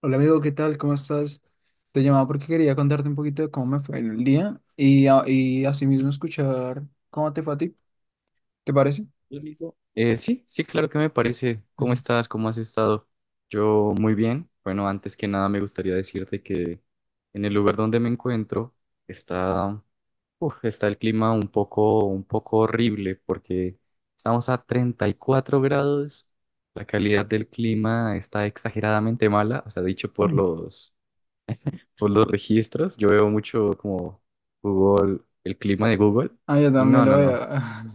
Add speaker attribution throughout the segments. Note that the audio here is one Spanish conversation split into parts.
Speaker 1: Hola amigo, ¿qué tal? ¿Cómo estás? Te llamaba porque quería contarte un poquito de cómo me fue en el día y asimismo escuchar cómo te fue a ti. ¿Te parece?
Speaker 2: Hola, amigo. Sí, sí, claro que me parece. ¿Cómo
Speaker 1: Mm.
Speaker 2: estás? ¿Cómo has estado? Yo muy bien. Bueno, antes que nada me gustaría decirte que en el lugar donde me encuentro está, uf, está el clima un poco horrible porque estamos a 34 grados. La calidad del clima está exageradamente mala, o sea, dicho por
Speaker 1: Mm.
Speaker 2: por los registros. Yo veo mucho como Google, el clima de Google
Speaker 1: Ah, yo
Speaker 2: y
Speaker 1: también
Speaker 2: no,
Speaker 1: lo
Speaker 2: no,
Speaker 1: voy
Speaker 2: no.
Speaker 1: a...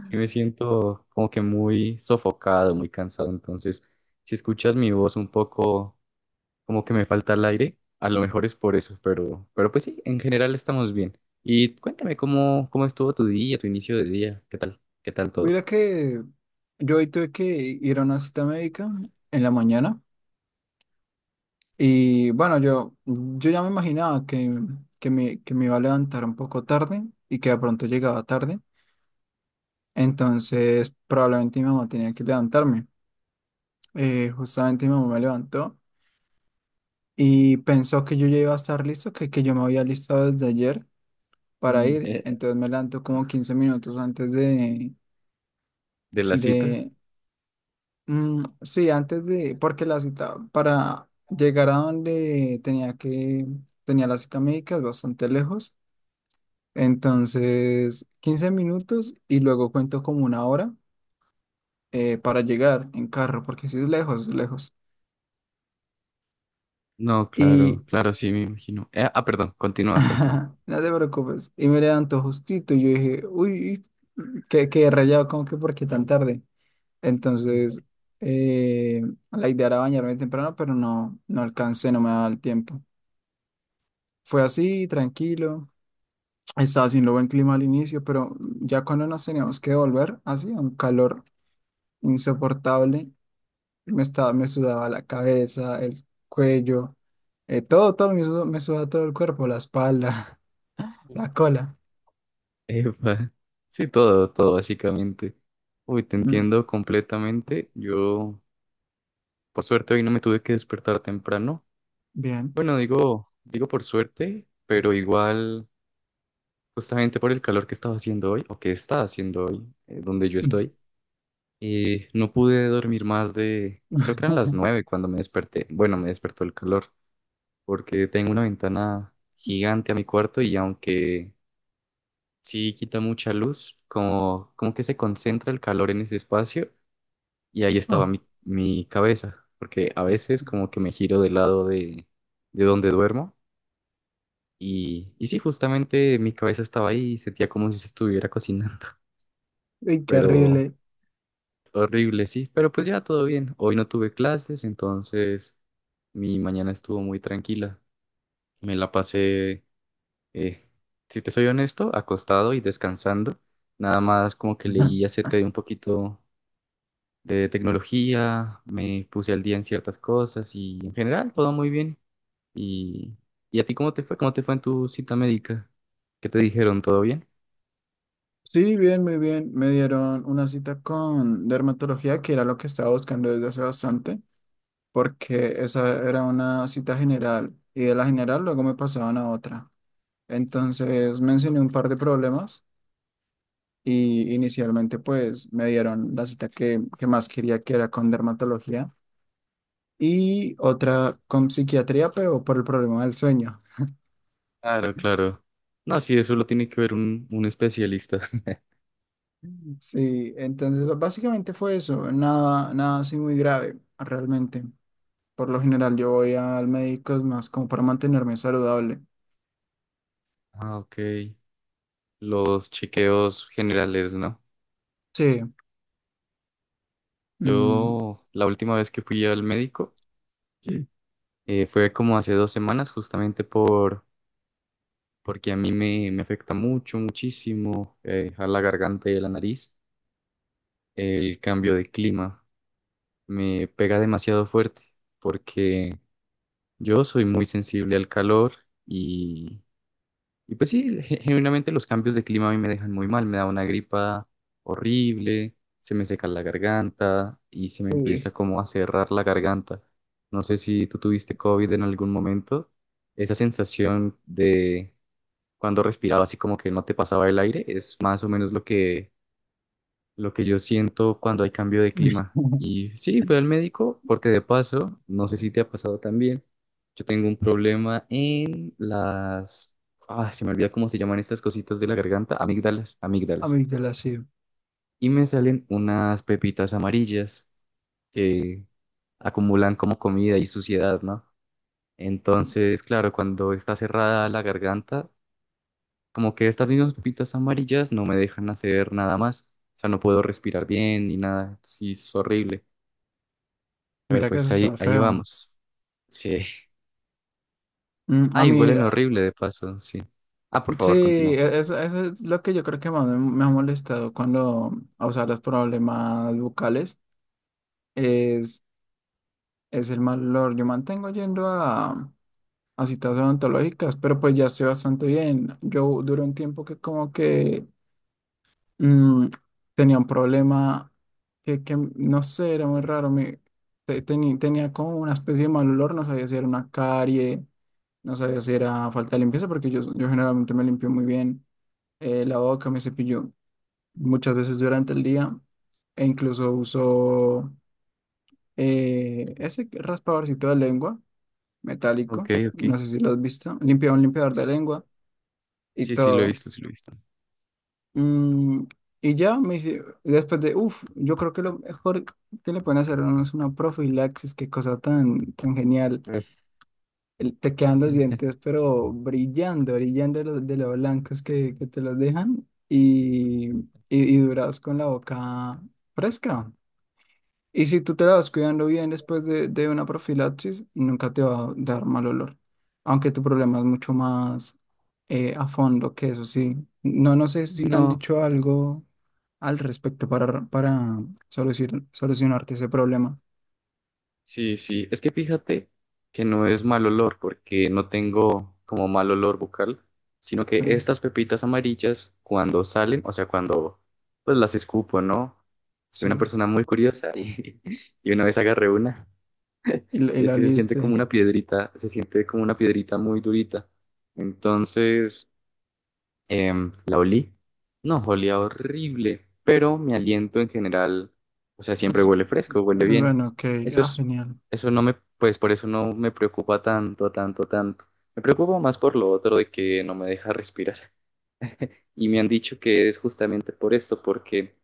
Speaker 2: Sí me siento como que muy sofocado, muy cansado, entonces si escuchas mi voz un poco como que me falta el aire, a lo mejor es por eso, pero pues sí, en general estamos bien. Y cuéntame cómo estuvo tu día, tu inicio de día, qué tal todo.
Speaker 1: Mira que yo hoy tuve que ir a una cita médica en la mañana y bueno, yo ya me imaginaba que me iba a levantar un poco tarde y que de pronto llegaba tarde, entonces probablemente mi mamá tenía que levantarme. Justamente mi mamá me levantó. Y pensó que yo ya iba a estar listo, que yo me había listado desde ayer para
Speaker 2: Mm,
Speaker 1: ir.
Speaker 2: eh,
Speaker 1: Entonces me levantó como 15 minutos antes
Speaker 2: ¿De la cita?
Speaker 1: de, sí, antes de, porque la cita para llegar a donde tenía la cita médica es bastante lejos. Entonces, 15 minutos y luego cuento como una hora, para llegar en carro, porque sí es lejos, es lejos.
Speaker 2: No, claro, claro, sí, me imagino. Perdón, continúa, continúa.
Speaker 1: Ajá, no te preocupes. Y me levantó justito. Y yo dije, uy, qué rayado, ¿cómo que por qué tan tarde?
Speaker 2: Mm.
Speaker 1: Entonces, eh, la idea era bañarme temprano, pero no, no alcancé, no me daba el tiempo. Fue así, tranquilo. Estaba haciendo buen clima al inicio, pero ya cuando nos teníamos que volver, hacía un calor insoportable. Me sudaba la cabeza, el cuello, todo, todo, me sudaba todo el cuerpo, la espalda, la cola.
Speaker 2: Epa. Sí, todo, todo, básicamente. Uy, te
Speaker 1: Mm,
Speaker 2: entiendo completamente. Yo, por suerte, hoy no me tuve que despertar temprano.
Speaker 1: bien.
Speaker 2: Bueno, digo por suerte, pero igual, justamente por el calor que estaba haciendo hoy, o que está haciendo hoy, donde yo estoy, no pude dormir más de, creo que eran las 9 cuando me desperté. Bueno, me despertó el calor, porque tengo una ventana gigante a mi cuarto y aunque sí quita mucha luz, como que se concentra el calor en ese espacio y ahí
Speaker 1: Oh,
Speaker 2: estaba mi cabeza, porque a veces como que me giro del lado de donde duermo. Y sí, justamente mi cabeza estaba ahí y sentía como si se estuviera cocinando,
Speaker 1: uy, qué
Speaker 2: pero
Speaker 1: horrible.
Speaker 2: horrible, sí, pero pues ya todo bien. Hoy no tuve clases, entonces mi mañana estuvo muy tranquila. Me la pasé, eh, si te soy honesto, acostado y descansando. Nada más como que
Speaker 1: Ajá.
Speaker 2: leí acerca de un poquito de tecnología, me puse al día en ciertas cosas y en general todo muy bien. ¿Y, y a ti cómo te fue? ¿Cómo te fue en tu cita médica? ¿Qué te dijeron? ¿Todo bien?
Speaker 1: Sí, bien, muy bien. Me dieron una cita con dermatología, que era lo que estaba buscando desde hace bastante, porque esa era una cita general y de la general luego me pasaban a otra. Entonces mencioné un par de problemas y inicialmente pues me dieron la cita que más quería, que era con dermatología y otra con psiquiatría, pero por el problema del sueño.
Speaker 2: Claro, claro. No, sí, eso lo tiene que ver un especialista.
Speaker 1: Sí, entonces básicamente fue eso, nada, nada así muy grave realmente. Por lo general yo voy al médico es más como para mantenerme saludable.
Speaker 2: Ah, ok. Los chequeos generales, ¿no?
Speaker 1: Sí. mm,
Speaker 2: Yo, la última vez que fui al médico, sí, fue como hace 2 semanas, justamente porque a mí me afecta mucho, muchísimo, a la garganta y a la nariz, el cambio de clima. Me pega demasiado fuerte porque yo soy muy sensible al calor. Y pues sí, genuinamente los cambios de clima a mí me dejan muy mal, me da una gripa horrible, se me seca la garganta y se me empieza
Speaker 1: Uy,
Speaker 2: como a cerrar la garganta. No sé si tú tuviste COVID en algún momento, esa sensación de cuando respiraba así como que no te pasaba el aire es más o menos lo que yo siento cuando hay cambio de clima. Y sí, fui al médico porque de paso, no sé si te ha pasado también, yo tengo un problema en las... Ah, se me olvida cómo se llaman estas cositas de la garganta, amígdalas, amígdalas.
Speaker 1: amígdala, sí.
Speaker 2: Y me salen unas pepitas amarillas que acumulan como comida y suciedad, ¿no? Entonces, claro, cuando está cerrada la garganta, como que estas mismas pepitas amarillas no me dejan hacer nada más. O sea, no puedo respirar bien ni nada. Sí, es horrible.
Speaker 1: Mira que eso
Speaker 2: Pues ahí,
Speaker 1: está
Speaker 2: ahí
Speaker 1: feo.
Speaker 2: vamos. Sí.
Speaker 1: A
Speaker 2: Ay,
Speaker 1: mí,
Speaker 2: huelen horrible de paso, sí. Ah, por
Speaker 1: sí,
Speaker 2: favor, continúa.
Speaker 1: eso es lo que yo creo que más me ha molestado cuando, o sea, los problemas bucales es, es el mal olor. Yo mantengo yendo a citas odontológicas, pero pues ya estoy bastante bien. Yo duré un tiempo que como que mm, tenía un problema que no sé, era muy raro. Tenía como una especie de mal olor, no sabía si era una carie, no sabía si era falta de limpieza, porque yo generalmente me limpio muy bien, la boca, me cepillo muchas veces durante el día e incluso uso, ese raspadorcito de lengua
Speaker 2: Ok,
Speaker 1: metálico, no
Speaker 2: ok.
Speaker 1: sé si lo has visto, limpia un limpiador de
Speaker 2: S-
Speaker 1: lengua. Y
Speaker 2: Sí, sí, lo he
Speaker 1: todo.
Speaker 2: visto, sí, lo he visto.
Speaker 1: Mm, y ya me hice, yo creo que lo mejor que le pueden hacer a uno es una profilaxis, qué cosa tan, tan genial.
Speaker 2: Eh.
Speaker 1: Te quedan los dientes, pero brillando, brillando de de lo blancos que te los dejan y durados con la boca fresca. Y si tú te la vas cuidando bien después de una profilaxis, nunca te va a dar mal olor. Aunque tu problema es mucho más, a fondo que eso, sí. No, no sé
Speaker 2: Y
Speaker 1: si te han
Speaker 2: no,
Speaker 1: dicho algo al respecto para, solucionarte ese problema.
Speaker 2: sí, sí. Es que fíjate que no es mal olor, porque no tengo como mal olor bucal, sino que
Speaker 1: Sí,
Speaker 2: estas pepitas amarillas, cuando salen, o sea, cuando pues las escupo, ¿no? Soy una
Speaker 1: sí.
Speaker 2: persona muy curiosa y, y una vez agarré una.
Speaker 1: Y, la y
Speaker 2: Y es
Speaker 1: la
Speaker 2: que se siente
Speaker 1: lista
Speaker 2: como una piedrita, se siente como una piedrita muy durita. Entonces, la olí. No, olía horrible, pero mi aliento en general, o sea, siempre
Speaker 1: es-
Speaker 2: huele fresco, huele
Speaker 1: es
Speaker 2: bien.
Speaker 1: bueno, ok.
Speaker 2: Eso
Speaker 1: Ah,
Speaker 2: es,
Speaker 1: genial.
Speaker 2: eso no me, pues por eso no me preocupa tanto, tanto, tanto. Me preocupa más por lo otro de que no me deja respirar. Y me han dicho que es justamente por esto, porque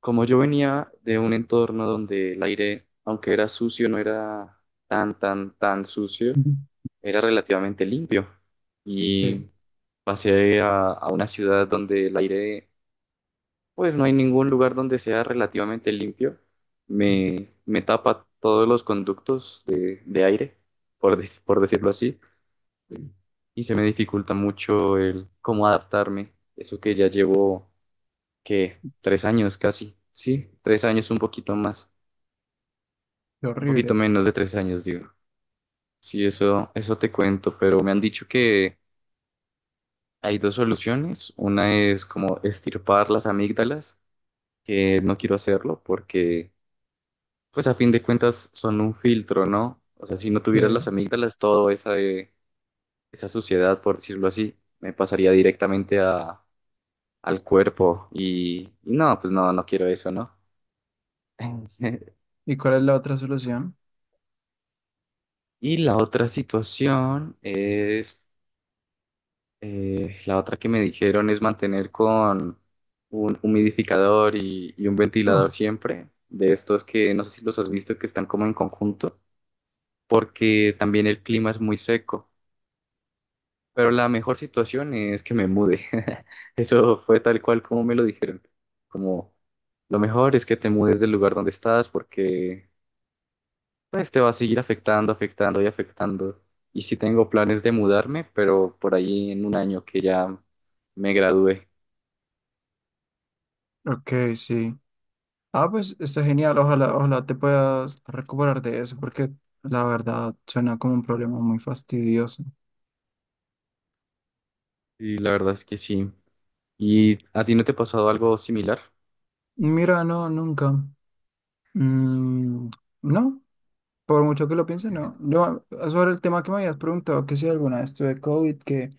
Speaker 2: como yo venía de un entorno donde el aire, aunque era sucio, no era tan, tan, tan sucio,
Speaker 1: Ujú.
Speaker 2: era relativamente limpio.
Speaker 1: Sí,
Speaker 2: Y pasé a una ciudad donde el aire, pues no hay ningún lugar donde sea relativamente limpio. Me tapa todos los conductos de aire, por decirlo así, y se me dificulta mucho el cómo adaptarme. Eso que ya llevo, que 3 años casi, sí, 3 años, un poquito más,
Speaker 1: qué
Speaker 2: un poquito
Speaker 1: horrible.
Speaker 2: menos de 3 años, digo. Sí, eso te cuento, pero me han dicho que hay dos soluciones. Una es como estirpar las amígdalas, que no quiero hacerlo porque, pues a fin de cuentas, son un filtro, ¿no? O sea, si no
Speaker 1: Sí.
Speaker 2: tuvieras las amígdalas, toda esa, esa suciedad, por decirlo así, me pasaría directamente al cuerpo y, no, pues no, no quiero eso, ¿no?
Speaker 1: ¿Y cuál es la otra solución?
Speaker 2: Y la otra situación es, la otra que me dijeron es mantener con un humidificador y un ventilador
Speaker 1: Oh,
Speaker 2: siempre, de estos que no sé si los has visto que están como en conjunto. Porque también el clima es muy seco. Pero la mejor situación es que me mude. Eso fue tal cual como me lo dijeron. Como lo mejor es que te mudes del lugar donde estás porque pues te va a seguir afectando, afectando y afectando. Y sí tengo planes de mudarme, pero por ahí en un año que ya me gradué.
Speaker 1: ok, sí. Ah, pues está genial. Ojalá, ojalá te puedas recuperar de eso, porque la verdad suena como un problema muy fastidioso.
Speaker 2: Y la verdad es que sí. ¿Y a ti no te ha pasado algo similar?
Speaker 1: Mira, no, nunca. Mm, no, por mucho que lo piense, no. Sobre el tema que me habías preguntado, que si alguna vez tuve COVID,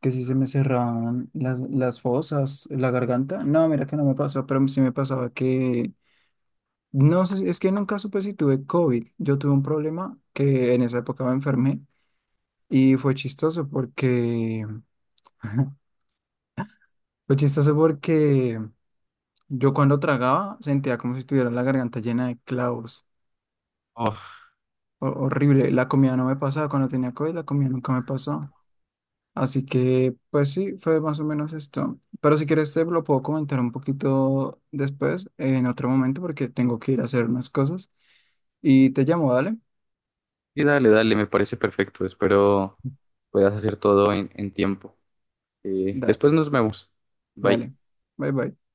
Speaker 1: que si se me cerraban las fosas, la garganta. No, mira que no me pasó, pero sí me pasaba que. No sé, es que nunca supe si tuve COVID. Yo tuve un problema que en esa época me enfermé. Y fue chistoso porque, Fue chistoso porque yo cuando tragaba sentía como si tuviera la garganta llena de clavos.
Speaker 2: Oh,
Speaker 1: Horrible. La comida no me pasaba. Cuando tenía COVID, la comida nunca me pasó. Así que, pues sí, fue más o menos esto. Pero si quieres, te lo puedo comentar un poquito después, en otro momento, porque tengo que ir a hacer unas cosas. Y te llamo, dale.
Speaker 2: y dale, dale, me parece perfecto. Espero puedas hacer todo en tiempo.
Speaker 1: Da-
Speaker 2: Después nos vemos. Bye.
Speaker 1: dale. Bye bye.